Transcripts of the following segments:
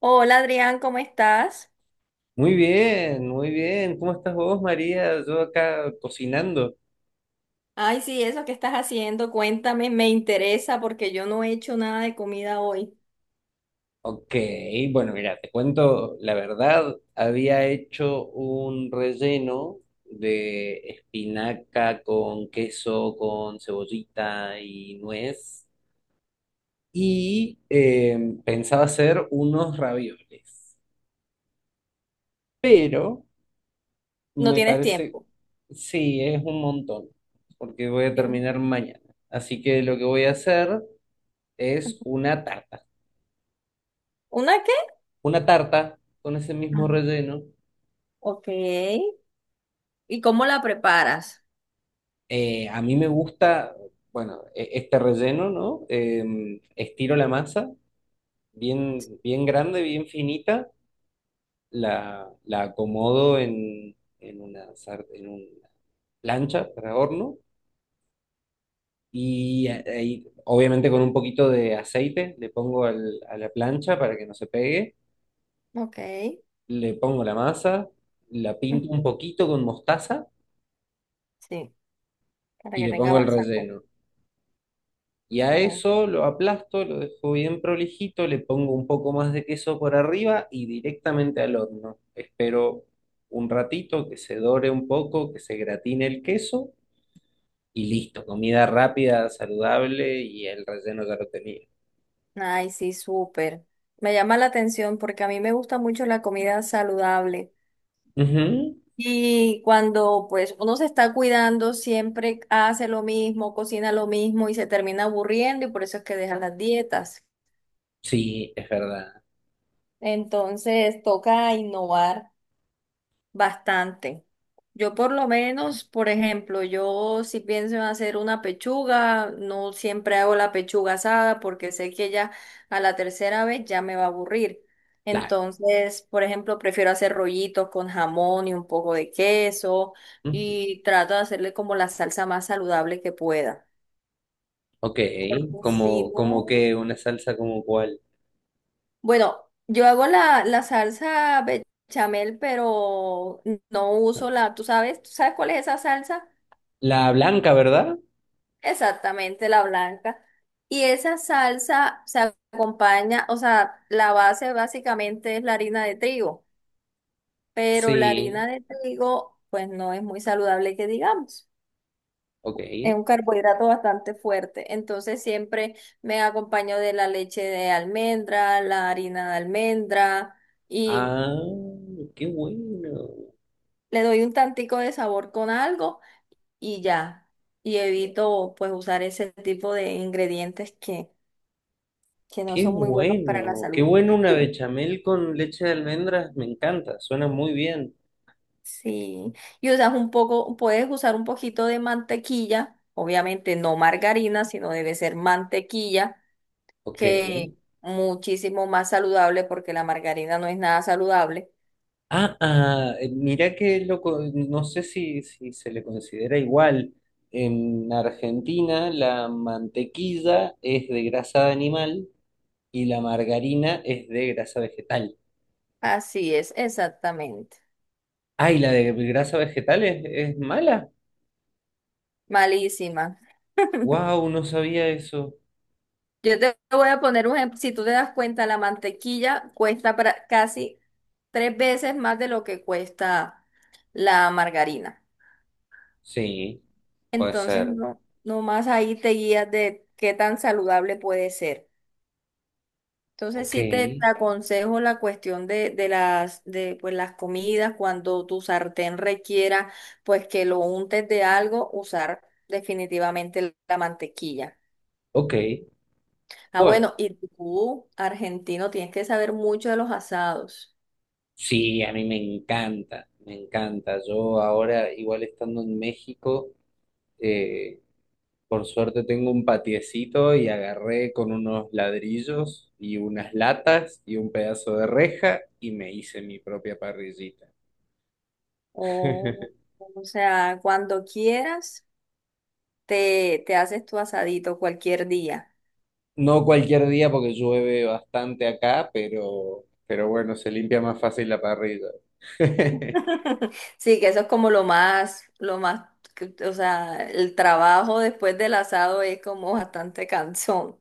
Hola Adrián, ¿cómo estás? Muy bien, muy bien. ¿Cómo estás vos, María? Yo acá cocinando. Ay, sí, eso que estás haciendo, cuéntame, me interesa porque yo no he hecho nada de comida hoy. Ok, bueno, mira, te cuento la verdad. Había hecho un relleno de espinaca con queso, con cebollita y nuez. Y eh, Pensaba hacer unos ravioles. Pero No me tienes parece, tiempo. sí, es un montón, porque voy a ¿Tien- terminar mañana. Así que lo que voy a hacer es una tarta. ¿Una qué? Una tarta con ese mismo Ah. relleno. Ok. ¿Y cómo la preparas? A mí me gusta, bueno, este relleno, ¿no? Estiro la masa, bien, bien grande, bien finita, la acomodo en una, en una plancha para horno y ahí, obviamente con un poquito de aceite le pongo a la plancha para que no se pegue, Ok. le pongo la masa, la Ujú, pinto un poquito con mostaza sí, para y que le tenga pongo el más sabor. relleno. Y a Oh, eso lo aplasto, lo dejo bien prolijito, le pongo un poco más de queso por arriba y directamente al horno. Espero un ratito que se dore un poco, que se gratine el queso y listo. Comida rápida, saludable y el relleno ya lo tenía. ay, sí, súper. Me llama la atención porque a mí me gusta mucho la comida saludable. Ujú. Y cuando pues uno se está cuidando, siempre hace lo mismo, cocina lo mismo y se termina aburriendo y por eso es que deja las dietas. Sí, es verdad. Entonces toca innovar. Bastante. Yo por lo menos, por ejemplo, yo si pienso en hacer una pechuga, no siempre hago la pechuga asada porque sé que ya a la tercera vez ya me va a aburrir. Claro. Entonces, por ejemplo, prefiero hacer rollitos con jamón y un poco de queso Ujú. y trato de hacerle como la salsa más saludable que pueda. Ok, Porque si como, como no, que una salsa como cuál. bueno, yo hago la salsa bechamel, pero no uso ¿tú sabes? ¿Tú sabes cuál es esa salsa? La blanca, ¿verdad? Exactamente, la blanca. Y esa salsa se acompaña, o sea, la base básicamente es la harina de trigo, pero la Sí, harina de trigo, pues no es muy saludable que digamos. ok. Es un carbohidrato bastante fuerte. Entonces siempre me acompaño de la leche de almendra, la harina de almendra y Ah, qué bueno. le doy un tantico de sabor con algo y ya. Y evito pues usar ese tipo de ingredientes que no Qué son muy buenos para la bueno, qué salud. bueno una bechamel con leche de almendras, me encanta, suena muy bien. Sí, y usas un poco, puedes usar un poquito de mantequilla, obviamente no margarina, sino debe ser mantequilla, Ok. que muchísimo más saludable porque la margarina no es nada saludable. Ah, ah, mirá que loco, no sé si, si se le considera igual. En Argentina la mantequilla es de grasa de animal y la margarina es de grasa vegetal. Así es, exactamente. Ah, ¿y la de grasa vegetal es mala? Malísima. Wow, no sabía eso. Yo te voy a poner un ejemplo, si tú te das cuenta, la mantequilla cuesta casi tres veces más de lo que cuesta la margarina. Sí, puede Entonces, ser. no, nomás ahí te guías de qué tan saludable puede ser. Entonces, Ok, sí te aconsejo la cuestión de pues, las comidas, cuando tu sartén requiera, pues que lo untes de algo, usar definitivamente la mantequilla. ok. Ah, Bueno. bueno, y tú, argentino, tienes que saber mucho de los asados. Sí, a mí me encanta, me encanta. Yo ahora, igual estando en México, eh, por suerte tengo un patiecito y agarré con unos ladrillos y unas latas y un pedazo de reja y me hice mi propia parrillita. O, o sea, cuando quieras, te haces tu asadito cualquier día. No cualquier día porque llueve bastante acá, pero bueno, se limpia más fácil la parrilla. Sí, que eso es como lo más, o sea, el trabajo después del asado es como bastante cansón.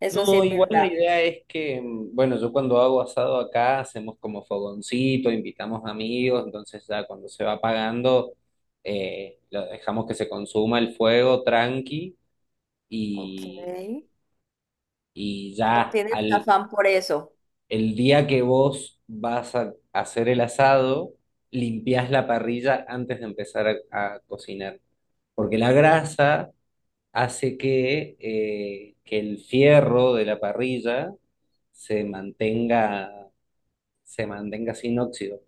Eso sí No, es igual la verdad. idea es que, bueno, yo cuando hago asado acá hacemos como fogoncito, invitamos amigos, entonces ya cuando se va apagando, lo dejamos que se consuma el fuego tranqui Ok. y, y No ya tienes al, afán por eso. el día que vos vas a hacer el asado, limpiás la parrilla antes de empezar a cocinar, porque la grasa hace que el fierro de la parrilla se mantenga, se mantenga sin óxido.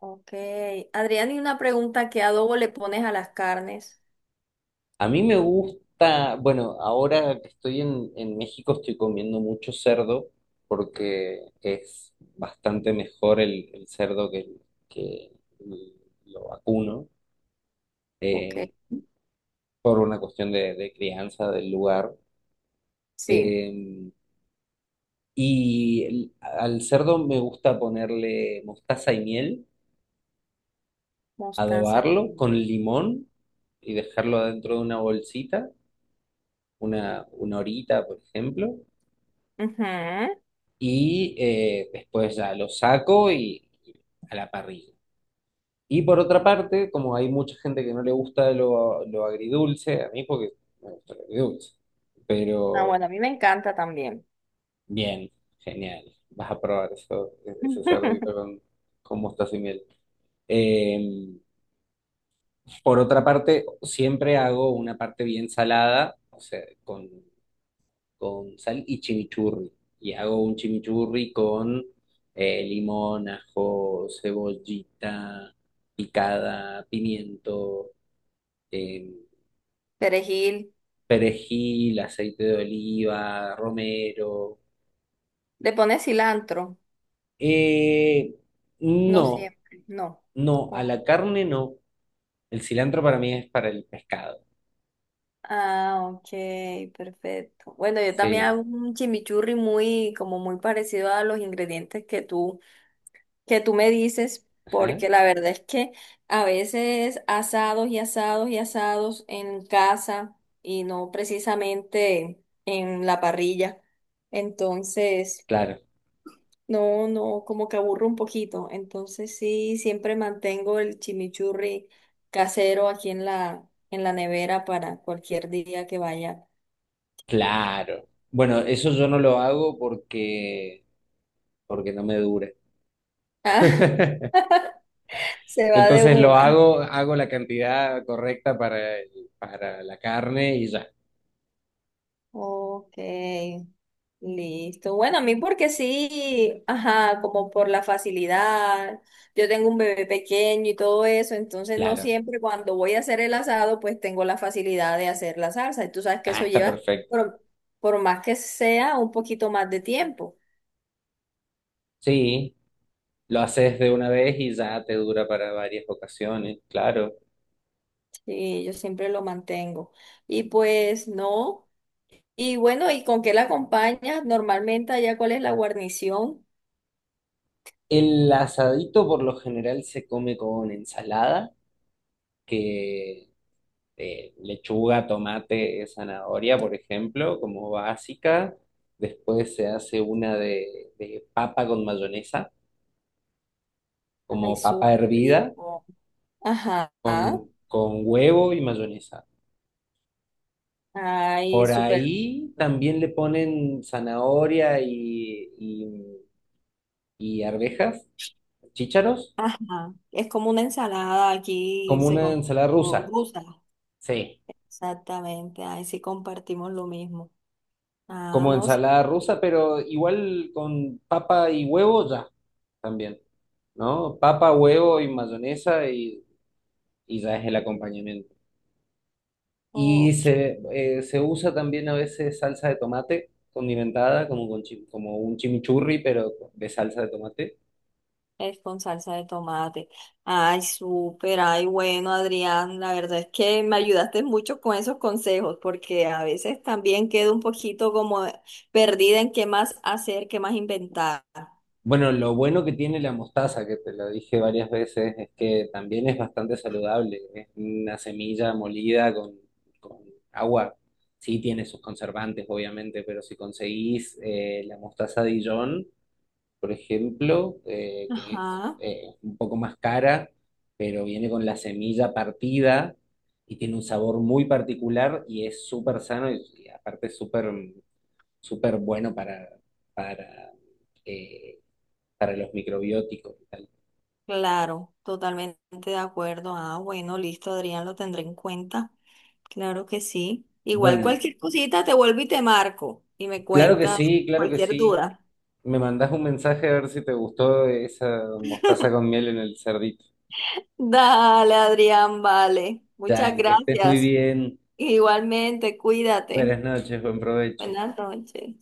Ok. Adrián, y una pregunta, ¿qué adobo le pones a las carnes? A mí me gusta, bueno, ahora que estoy en México estoy comiendo mucho cerdo porque es bastante mejor el cerdo que lo vacuno Ok. eh, por una cuestión de crianza del lugar. Sí, Eh, y al cerdo me gusta ponerle mostaza y miel, mostaza. adobarlo con limón y dejarlo dentro de una bolsita, una horita, por ejemplo, Ujú. y después ya lo saco y a la parrilla. Y por otra parte, como hay mucha gente que no le gusta lo agridulce, a mí porque me gusta lo agridulce, Ah, pero bueno, a mí me encanta también. bien, genial, vas a probar eso, ese cerdito con mostaza y miel. Em, por otra parte, siempre hago una parte bien salada, o sea, con sal y chimichurri. Y hago un chimichurri con limón, ajo, cebollita picada, pimiento, eh, Perejil. perejil, aceite de oliva, romero. ¿Le pones cilantro? Eh, No no, siempre, no. no, a la carne no. El cilantro para mí es para el pescado. Ah, ok, perfecto. Bueno, yo también Sí, hago un chimichurri muy, como muy parecido a los ingredientes que tú me dices, ajá, porque la verdad es que a veces asados y asados y asados en casa y no precisamente en la parrilla. Entonces, claro, no, no, como que aburro un poquito. Entonces sí, siempre mantengo el chimichurri casero aquí en la nevera para cualquier día que vaya. claro. Bueno, eso yo no lo hago porque, porque no me dura. Ah, se va de Entonces lo una. hago, hago la cantidad correcta para, para la carne y ya, Ok, listo. Bueno, a mí porque sí, ajá, como por la facilidad. Yo tengo un bebé pequeño y todo eso, entonces no claro. siempre cuando voy a hacer el asado, pues tengo la facilidad de hacer la salsa. Y tú sabes que Ah, eso está lleva, perfecto. por, por más que sea, un poquito más de tiempo. Sí, lo haces de una vez y ya te dura para varias ocasiones, claro. Sí, yo siempre lo mantengo. Y pues no. Y bueno, ¿y con qué la acompañas? Normalmente allá, ¿cuál es la guarnición? El asadito por lo general se come con ensalada, que lechuga, tomate, zanahoria, por ejemplo, como básica. Después se hace una de papa con mayonesa, Ay, como papa súper hervida, rico. Ajá. Con huevo y mayonesa. Ay, Por súper. ahí también le ponen zanahoria y arvejas, chícharos, Ajá. Es como una ensalada aquí, como se una con ensalada como rusa. rusa. Sí, Exactamente. Ay, sí compartimos lo mismo. Ah, como no, sí. ensalada rusa, pero igual con papa y huevo ya también, ¿no? Papa, huevo y mayonesa y ya es el acompañamiento. Y Ok, se, se usa también a veces salsa de tomate condimentada, como, con como un chimichurri, pero de salsa de tomate. es con salsa de tomate. Ay, súper. Ay, bueno, Adrián, la verdad es que me ayudaste mucho con esos consejos, porque a veces también quedo un poquito como perdida en qué más hacer, qué más inventar. Bueno, lo bueno que tiene la mostaza, que te lo dije varias veces, es que también es bastante saludable. Es una semilla molida con agua. Sí tiene sus conservantes, obviamente, pero si conseguís la mostaza Dijon, por ejemplo, que es Ajá. Un poco más cara, pero viene con la semilla partida y tiene un sabor muy particular y es súper sano y aparte súper súper bueno para eh, para los microbióticos y tal. Claro, totalmente de acuerdo. Ah, bueno, listo, Adrián, lo tendré en cuenta. Claro que sí. Igual Bueno, cualquier cosita te vuelvo y te marco y me claro que cuentas sí, claro que cualquier sí. duda. Me mandás un mensaje a ver si te gustó esa mostaza con miel en el cerdito. Dale, Adrián, vale. Ya, Muchas que estés muy gracias. bien. Igualmente, cuídate. Buenas noches, buen provecho. Buenas noches.